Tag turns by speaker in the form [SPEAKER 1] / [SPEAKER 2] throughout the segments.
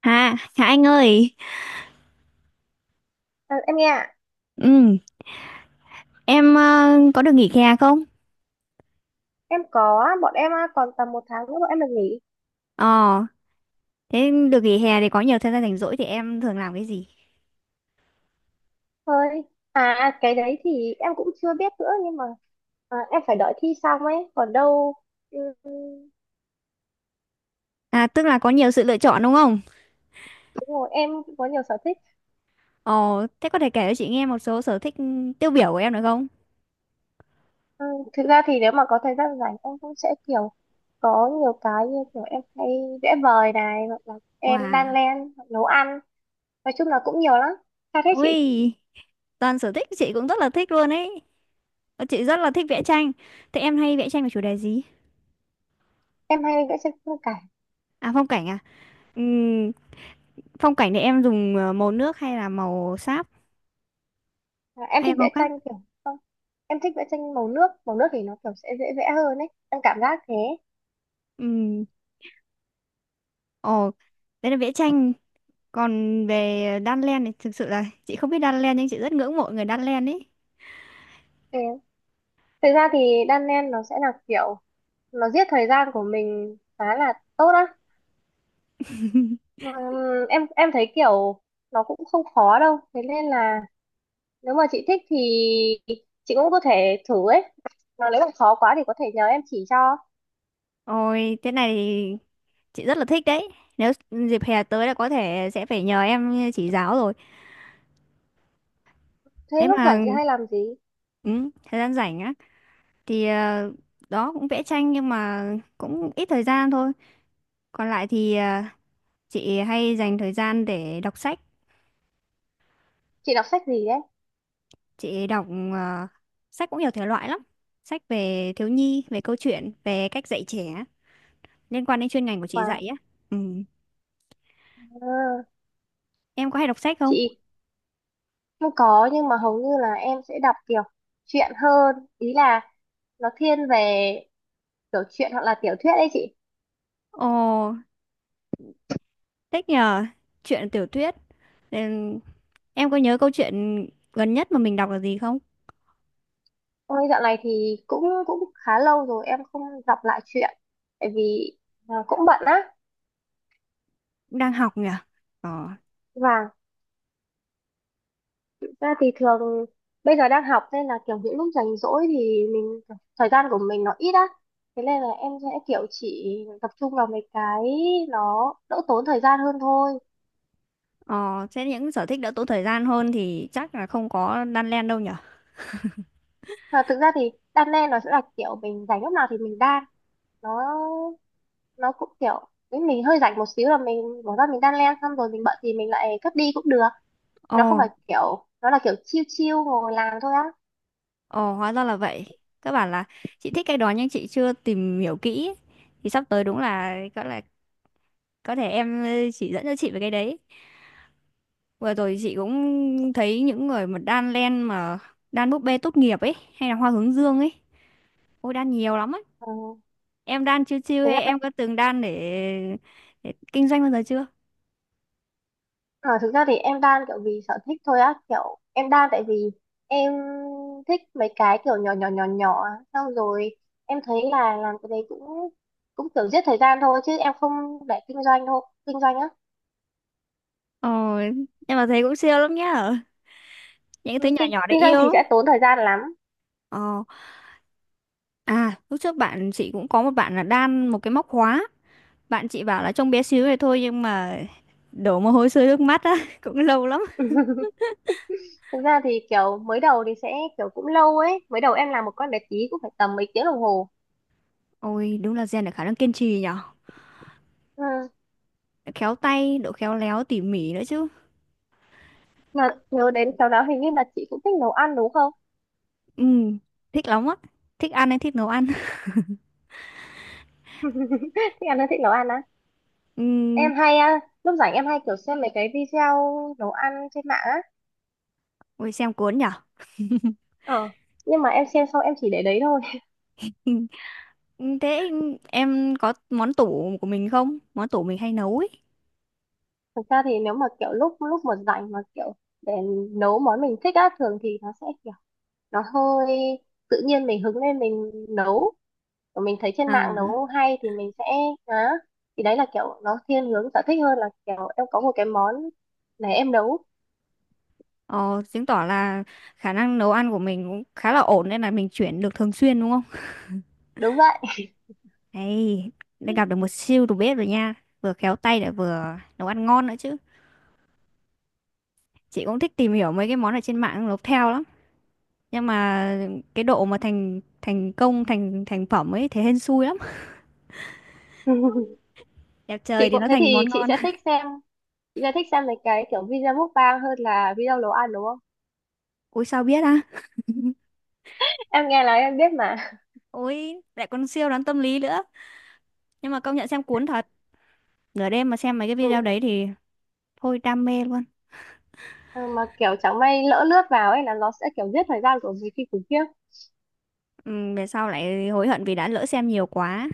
[SPEAKER 1] Hà, Hà Anh ơi,
[SPEAKER 2] À, em nghe ạ.
[SPEAKER 1] ừ, em có được nghỉ hè không?
[SPEAKER 2] Em có, bọn em à, còn tầm một tháng nữa bọn em được nghỉ
[SPEAKER 1] Ờ, Thế được nghỉ hè thì có nhiều thời gian rảnh rỗi thì em thường làm cái gì?
[SPEAKER 2] thôi. À, cái đấy thì em cũng chưa biết nữa nhưng mà à, em phải đợi thi xong ấy còn đâu. Ừ,
[SPEAKER 1] À, tức là có nhiều sự lựa chọn đúng không?
[SPEAKER 2] đúng rồi, em cũng có nhiều sở thích.
[SPEAKER 1] Ờ, Thế có thể kể cho chị nghe một số sở thích tiêu biểu của em được không?
[SPEAKER 2] Ừ, thực ra thì nếu mà có thời gian rảnh em cũng sẽ kiểu có nhiều cái, như kiểu em hay vẽ vời này, hoặc là em đan
[SPEAKER 1] Wow,
[SPEAKER 2] len, hoặc nấu ăn. Nói chung là cũng nhiều lắm. Sao thế chị?
[SPEAKER 1] ui, toàn sở thích chị cũng rất là thích luôn ấy. Chị rất là thích vẽ tranh. Thế em hay vẽ tranh về chủ đề gì?
[SPEAKER 2] Em hay vẽ tranh cả.
[SPEAKER 1] À? Ừm, phong cảnh thì em dùng màu nước hay là màu sáp
[SPEAKER 2] À, em
[SPEAKER 1] hay là
[SPEAKER 2] thích
[SPEAKER 1] màu
[SPEAKER 2] vẽ
[SPEAKER 1] khác?
[SPEAKER 2] tranh kiểu không, em thích vẽ tranh màu nước. Màu nước thì nó kiểu sẽ dễ vẽ hơn ấy, em cảm giác thế.
[SPEAKER 1] Ừm, ồ, đấy là vẽ tranh. Còn về Đan Len thì thực sự là chị không biết Đan Len nhưng chị rất ngưỡng mộ người Đan Len ấy.
[SPEAKER 2] Ừ. Thực ra thì đan len nó sẽ là kiểu nó giết thời gian của mình khá là tốt á. Em thấy kiểu nó cũng không khó đâu, thế nên là nếu mà chị thích thì chị cũng có thể thử ấy. Mà nếu mà khó quá thì có thể nhờ em chỉ cho.
[SPEAKER 1] Ôi, thế này thì chị rất là thích đấy. Nếu dịp hè tới là có thể sẽ phải nhờ em chỉ giáo rồi.
[SPEAKER 2] Thế
[SPEAKER 1] Thế
[SPEAKER 2] lúc
[SPEAKER 1] mà
[SPEAKER 2] rảnh chị hay làm gì?
[SPEAKER 1] ừ, thời gian rảnh á thì đó cũng vẽ tranh nhưng mà cũng ít thời gian thôi. Còn lại thì chị hay dành thời gian để đọc sách.
[SPEAKER 2] Chị đọc sách gì đấy?
[SPEAKER 1] Chị đọc ờ, sách cũng nhiều thể loại lắm. Sách về thiếu nhi, về câu chuyện, về cách dạy trẻ, liên quan đến chuyên ngành của chị
[SPEAKER 2] Wow.
[SPEAKER 1] dạy á. Ừ.
[SPEAKER 2] À,
[SPEAKER 1] Em có hay đọc sách không?
[SPEAKER 2] chị, không có, nhưng mà hầu như là em sẽ đọc kiểu truyện hơn, ý là nó thiên về kiểu truyện hoặc là tiểu thuyết ấy chị.
[SPEAKER 1] Ồ, thích nhờ. Chuyện tiểu thuyết. Ừ, em có nhớ câu chuyện gần nhất mà mình đọc là gì không?
[SPEAKER 2] Ôi, dạo này thì cũng cũng khá lâu rồi em không đọc lại truyện, tại vì à, cũng bận á.
[SPEAKER 1] Cũng đang học nhỉ? Ờ.
[SPEAKER 2] Và thực ra thì thường bây giờ đang học nên là kiểu những lúc rảnh rỗi thì mình, thời gian của mình nó ít á, thế nên là em sẽ kiểu chỉ tập trung vào mấy cái nó đỡ tốn thời gian hơn thôi.
[SPEAKER 1] Ờ, thế những sở thích đỡ tốn thời gian hơn thì chắc là không có đan len đâu nhỉ?
[SPEAKER 2] Và thực ra thì đan len nó sẽ là kiểu mình rảnh lúc nào thì mình đan. Nó nó cũng kiểu nếu mình hơi rảnh một xíu là mình bỏ ra mình đan len, xong rồi mình bận thì mình lại cất đi cũng được.
[SPEAKER 1] Ồ,
[SPEAKER 2] Nó không phải kiểu, nó là kiểu chill chill ngồi làm thôi á.
[SPEAKER 1] ồ hóa ra là vậy. Các bạn là chị thích cái đó nhưng chị chưa tìm hiểu kỹ ấy. Thì sắp tới đúng là có thể em chỉ dẫn cho chị về cái đấy. Vừa rồi chị cũng thấy những người mà đan len mà đan búp bê tốt nghiệp ấy hay là hoa hướng dương ấy. Ôi đan nhiều lắm ấy.
[SPEAKER 2] Ừ.
[SPEAKER 1] Em đan chiêu chiêu
[SPEAKER 2] Thực
[SPEAKER 1] hay
[SPEAKER 2] ra
[SPEAKER 1] em có từng đan để kinh doanh bao giờ chưa?
[SPEAKER 2] ờ, thực ra thì em đan kiểu vì sở thích thôi á, kiểu em đan tại vì em thích mấy cái kiểu nhỏ nhỏ nhỏ nhỏ á. Xong rồi em thấy là làm cái đấy cũng cũng kiểu giết thời gian thôi chứ em không để kinh doanh thôi. Kinh doanh á.
[SPEAKER 1] Ờ, em mà thấy cũng siêu lắm nhá. Những cái thứ
[SPEAKER 2] Ừ,
[SPEAKER 1] nhỏ
[SPEAKER 2] kinh
[SPEAKER 1] nhỏ để
[SPEAKER 2] kinh doanh
[SPEAKER 1] yêu
[SPEAKER 2] thì sẽ
[SPEAKER 1] lắm.
[SPEAKER 2] tốn thời gian lắm.
[SPEAKER 1] Ờ, à lúc trước bạn chị cũng có một bạn là đan một cái móc khóa. Bạn chị bảo là trông bé xíu này thôi nhưng mà đổ mồ hôi sôi nước mắt á, cũng lâu lắm.
[SPEAKER 2] Thực ra thì kiểu mới đầu thì sẽ kiểu cũng lâu ấy. Mới đầu em làm một con bé tí cũng phải tầm mấy tiếng đồng hồ.
[SPEAKER 1] Ôi đúng là rèn được khả năng kiên trì nhở.
[SPEAKER 2] Ừ.
[SPEAKER 1] Khéo tay, độ khéo léo tỉ mỉ nữa chứ.
[SPEAKER 2] Mà nhớ đến sau đó hình như là chị cũng thích nấu ăn đúng không?
[SPEAKER 1] Ừ, thích lắm á. Thích ăn hay thích nấu ăn.
[SPEAKER 2] Thích ăn hay thích nấu ăn á?
[SPEAKER 1] Ừ,
[SPEAKER 2] Em hay, à, lúc rảnh em hay kiểu xem mấy cái video nấu ăn trên mạng á.
[SPEAKER 1] ôi xem cuốn nhở.
[SPEAKER 2] Ờ. Nhưng mà em xem xong em chỉ để đấy thôi.
[SPEAKER 1] Ừ. Thế em có món tủ của mình không? Món tủ mình hay nấu ấy.
[SPEAKER 2] Thực ra thì nếu mà kiểu lúc lúc mà rảnh mà kiểu để nấu món mình thích á, thường thì nó sẽ kiểu nó hơi tự nhiên, mình hứng lên mình nấu, mình thấy trên
[SPEAKER 1] À,
[SPEAKER 2] mạng nấu hay thì mình sẽ á. Thì đấy là kiểu nó thiên hướng sở thích hơn là kiểu em có một cái món này em nấu.
[SPEAKER 1] ờ, chứng tỏ là khả năng nấu ăn của mình cũng khá là ổn nên là mình chuyển được thường xuyên đúng không?
[SPEAKER 2] Đúng vậy.
[SPEAKER 1] Đây, đã gặp được một siêu đầu bếp rồi nha. Vừa khéo tay lại vừa nấu ăn ngon nữa chứ. Chị cũng thích tìm hiểu mấy cái món ở trên mạng nấu theo lắm. Nhưng mà cái độ mà thành thành công thành thành phẩm ấy thế hên xui lắm. Đẹp
[SPEAKER 2] Chị
[SPEAKER 1] trời thì
[SPEAKER 2] cũng
[SPEAKER 1] nó
[SPEAKER 2] thế
[SPEAKER 1] thành
[SPEAKER 2] thì
[SPEAKER 1] món
[SPEAKER 2] chị
[SPEAKER 1] ngon.
[SPEAKER 2] sẽ thích xem, chị sẽ thích xem mấy cái kiểu video mukbang hơn là video nấu ăn đúng không?
[SPEAKER 1] Ui sao biết á?
[SPEAKER 2] Em nghe nói em biết mà.
[SPEAKER 1] Ôi lại còn siêu đoán tâm lý nữa. Nhưng mà công nhận xem cuốn thật. Nửa đêm mà xem mấy cái video
[SPEAKER 2] Ừ.
[SPEAKER 1] đấy thì thôi đam mê luôn.
[SPEAKER 2] Ừ, mà kiểu chẳng may lỡ lướt vào ấy là nó sẽ kiểu giết thời gian của mình khi khủng khiếp.
[SPEAKER 1] Ừ, về sau lại hối hận vì đã lỡ xem nhiều quá.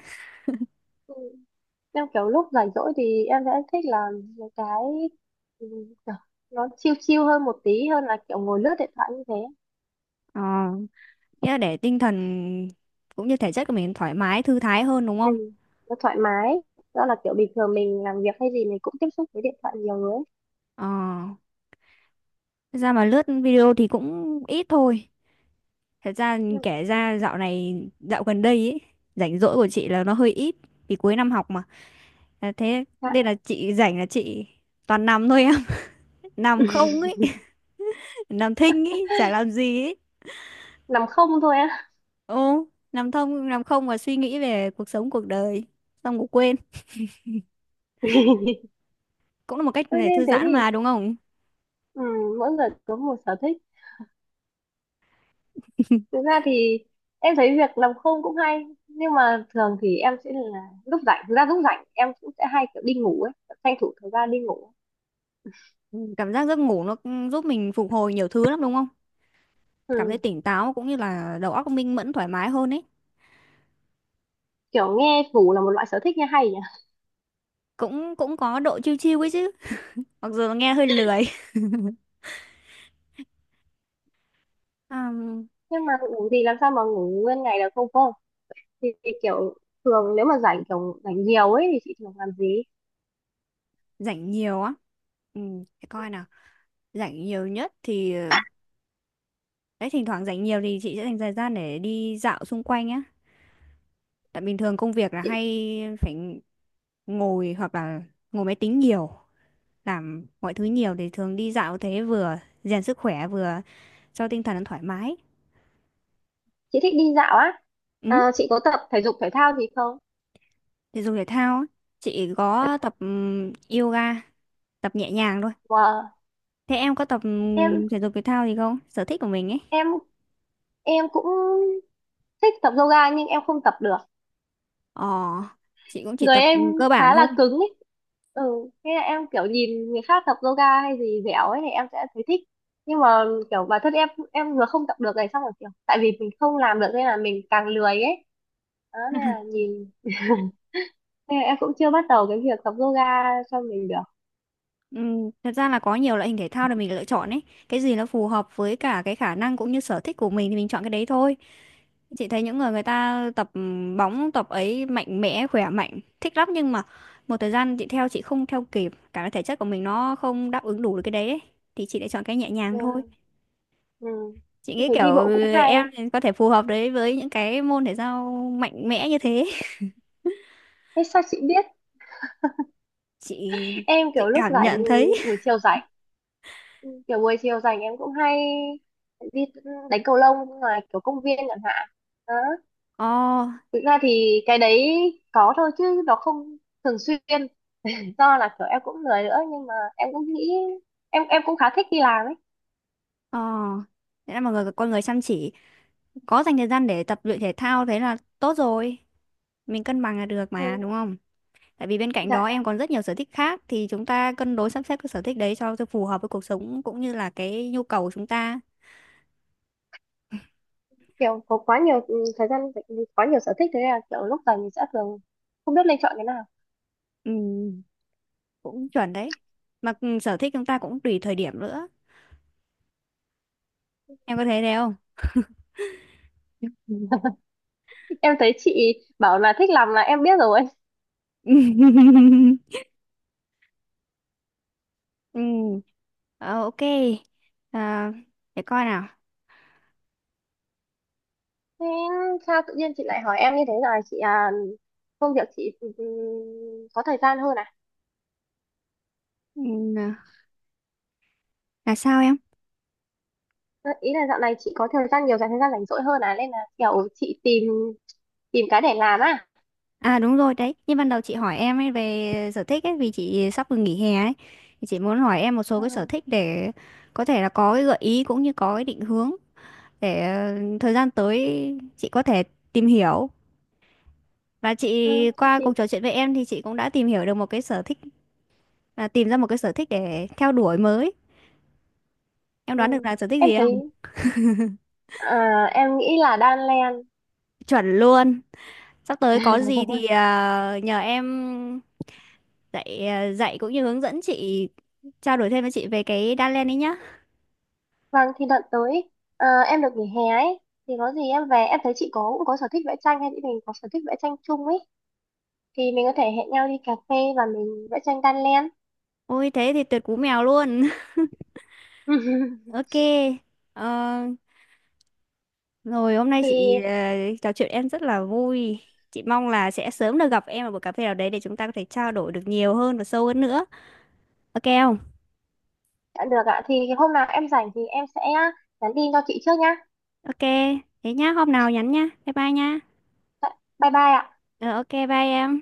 [SPEAKER 2] Ừ. Em kiểu lúc rảnh rỗi thì em sẽ thích là một cái ừ, kiểu nó chill chill hơn một tí, hơn là kiểu ngồi lướt điện thoại như thế.
[SPEAKER 1] Ờ, nghĩa là để tinh thần cũng như thể chất của mình thoải mái, thư thái hơn đúng
[SPEAKER 2] Ừ,
[SPEAKER 1] không?
[SPEAKER 2] nó thoải mái, đó là kiểu bình thường mình làm việc hay gì mình cũng tiếp xúc với điện thoại nhiều người ấy.
[SPEAKER 1] Ờ, thật ra mà lướt video thì cũng ít thôi. Thật ra
[SPEAKER 2] Ừ,
[SPEAKER 1] kể ra dạo này, dạo gần đây ấy, rảnh rỗi của chị là nó hơi ít. Vì cuối năm học mà. À, thế
[SPEAKER 2] dạ,
[SPEAKER 1] nên là chị rảnh là chị toàn nằm thôi em. Nằm không ấy, nằm thinh ý chả làm gì ý.
[SPEAKER 2] nằm không thôi á?
[SPEAKER 1] Ô nằm thông nằm không và suy nghĩ về cuộc sống cuộc đời xong ngủ quên cũng là một cách
[SPEAKER 2] Thế
[SPEAKER 1] để
[SPEAKER 2] nên
[SPEAKER 1] thư
[SPEAKER 2] thế
[SPEAKER 1] giãn
[SPEAKER 2] thì
[SPEAKER 1] mà đúng không.
[SPEAKER 2] ừ, mỗi người có một sở thích. Thực ra thì em thấy việc nằm không cũng hay, nhưng mà thường thì em sẽ là lúc rảnh, thực ra lúc rảnh em cũng sẽ hay kiểu đi ngủ ấy, tranh thủ thời gian đi ngủ.
[SPEAKER 1] Ừ, cảm giác giấc ngủ nó cũng giúp mình phục hồi nhiều thứ lắm đúng không, cảm
[SPEAKER 2] Ừ,
[SPEAKER 1] thấy tỉnh táo cũng như là đầu óc minh mẫn thoải mái hơn ấy.
[SPEAKER 2] kiểu nghe ngủ là một loại sở thích nghe hay nhỉ.
[SPEAKER 1] Cũng cũng có độ chill chill ấy chứ, mặc dù nghe hơi lười. À,
[SPEAKER 2] Nhưng mà ngủ thì làm sao mà ngủ nguyên ngày được không cô. Thì kiểu thường nếu mà rảnh, kiểu rảnh nhiều ấy, thì chị thường làm gì?
[SPEAKER 1] rảnh nhiều á, ừ, để coi nào, rảnh nhiều nhất thì đấy thỉnh thoảng rảnh nhiều thì chị sẽ dành thời gian để đi dạo xung quanh á. Tại bình thường công việc là hay phải ngồi hoặc là ngồi máy tính nhiều, làm mọi thứ nhiều thì thường đi dạo thế vừa rèn sức khỏe vừa cho tinh thần nó thoải mái.
[SPEAKER 2] Chị thích đi dạo á?
[SPEAKER 1] Ừ,
[SPEAKER 2] À, chị có tập thể dục thể thao gì không?
[SPEAKER 1] thể dục thể thao á, chị có tập yoga, tập nhẹ nhàng thôi.
[SPEAKER 2] Wow.
[SPEAKER 1] Thế em có tập
[SPEAKER 2] em
[SPEAKER 1] thể dục thể thao gì không? Sở thích của mình ấy.
[SPEAKER 2] em em cũng thích tập yoga nhưng em không tập được.
[SPEAKER 1] Ờ, chị cũng chỉ
[SPEAKER 2] Người
[SPEAKER 1] tập
[SPEAKER 2] em
[SPEAKER 1] cơ bản
[SPEAKER 2] khá
[SPEAKER 1] thôi.
[SPEAKER 2] là cứng ấy. Ừ, thế là em kiểu nhìn người khác tập yoga hay gì dẻo ấy thì em sẽ thấy thích, nhưng mà kiểu bản thân em vừa không tập được này, xong rồi kiểu tại vì mình không làm được nên là mình càng lười ấy. Đó nên là nhìn, nên là em cũng chưa bắt đầu cái việc tập yoga cho mình được.
[SPEAKER 1] Ừ, thật ra là có nhiều loại hình thể thao để mình lựa chọn ấy. Cái gì nó phù hợp với cả cái khả năng cũng như sở thích của mình thì mình chọn cái đấy thôi. Chị thấy những người người ta tập bóng tập ấy mạnh mẽ, khỏe mạnh, thích lắm nhưng mà một thời gian chị theo chị không theo kịp, cả cái thể chất của mình nó không đáp ứng đủ được cái đấy ấy. Thì chị lại chọn cái nhẹ nhàng thôi.
[SPEAKER 2] Ừ. Ừ.
[SPEAKER 1] Chị nghĩ
[SPEAKER 2] Thấy
[SPEAKER 1] kiểu
[SPEAKER 2] đi bộ cũng hay.
[SPEAKER 1] em có thể phù hợp đấy với những cái môn thể thao mạnh mẽ như thế.
[SPEAKER 2] Thế sao chị biết?
[SPEAKER 1] Chị
[SPEAKER 2] Em
[SPEAKER 1] chị
[SPEAKER 2] kiểu lúc
[SPEAKER 1] cảm
[SPEAKER 2] rảnh
[SPEAKER 1] nhận thấy.
[SPEAKER 2] buổi chiều rảnh, kiểu buổi chiều rảnh em cũng hay đi đánh cầu lông ngoài kiểu công viên chẳng hạn. Đó,
[SPEAKER 1] Ồ,
[SPEAKER 2] thực ra thì cái đấy có thôi chứ nó không thường xuyên, do là kiểu em cũng lười nữa, nhưng mà em cũng nghĩ, em cũng khá thích đi làm ấy.
[SPEAKER 1] ồ. Thế là mọi người con người chăm chỉ, có dành thời gian để tập luyện thể thao thế là tốt rồi, mình cân bằng là được
[SPEAKER 2] Ừ,
[SPEAKER 1] mà đúng không, tại vì bên cạnh
[SPEAKER 2] dạ,
[SPEAKER 1] đó em còn rất nhiều sở thích khác thì chúng ta cân đối sắp xếp cái sở thích đấy cho phù hợp với cuộc sống cũng như là cái nhu cầu của chúng ta.
[SPEAKER 2] kiểu có quá nhiều thời gian rảnh, quá nhiều sở thích thế là kiểu lúc rảnh mình sẽ thường không biết nên chọn cái nào.
[SPEAKER 1] Ừ, cũng chuẩn đấy, mà sở thích chúng ta cũng tùy thời điểm nữa, em có thấy thế không?
[SPEAKER 2] Em thấy chị bảo là thích làm là em biết rồi.
[SPEAKER 1] Ừ, ờ, ok, à, để coi nào.
[SPEAKER 2] Thế sao tự nhiên chị lại hỏi em như thế rồi chị? À, công việc chị có thời gian hơn à?
[SPEAKER 1] ừ, là sao em?
[SPEAKER 2] Ờ, ý là dạo này chị có thời gian nhiều, dành thời gian rảnh rỗi hơn à, nên là kiểu chị tìm, tìm cái để làm à?
[SPEAKER 1] À đúng rồi đấy, như ban đầu chị hỏi em ấy về sở thích ấy vì chị sắp vừa nghỉ hè ấy thì chị muốn hỏi em một số cái sở
[SPEAKER 2] ừ,
[SPEAKER 1] thích để có thể là có cái gợi ý cũng như có cái định hướng để thời gian tới chị có thể tìm hiểu, và
[SPEAKER 2] ừ,
[SPEAKER 1] chị qua
[SPEAKER 2] chị,
[SPEAKER 1] cuộc trò chuyện với em thì chị cũng đã tìm hiểu được một cái sở thích. À, tìm ra một cái sở thích để theo đuổi mới. Em đoán được
[SPEAKER 2] ừ.
[SPEAKER 1] là sở thích
[SPEAKER 2] Em
[SPEAKER 1] gì không?
[SPEAKER 2] thấy à, em nghĩ là đan len.
[SPEAKER 1] Chuẩn luôn. Sắp tới có gì thì nhờ em dạy dạy cũng như hướng dẫn chị, trao đổi thêm với chị về cái đan len ấy nhá.
[SPEAKER 2] Vâng, thì đợt tới em được nghỉ hè ấy, thì có gì em về em thấy chị có, cũng có sở thích vẽ tranh, hay chị mình có sở thích vẽ tranh chung ấy, thì mình có thể hẹn nhau đi cà phê và mình vẽ tranh đan len.
[SPEAKER 1] Ôi thế thì tuyệt cú mèo luôn. Ok. Ờ, rồi hôm nay chị
[SPEAKER 2] Thì,
[SPEAKER 1] trò chuyện em rất là vui. Chị mong là sẽ sớm được gặp em ở buổi cà phê nào đấy để chúng ta có thể trao đổi được nhiều hơn và sâu hơn nữa. Ok không?
[SPEAKER 2] dạ được ạ, thì hôm nào em rảnh thì em sẽ nhắn tin cho chị trước nhá.
[SPEAKER 1] Ok. Thế nhá, hôm nào nhắn nhá. Bye bye nhá.
[SPEAKER 2] Dạ, bye bye ạ.
[SPEAKER 1] Ờ ok bye em.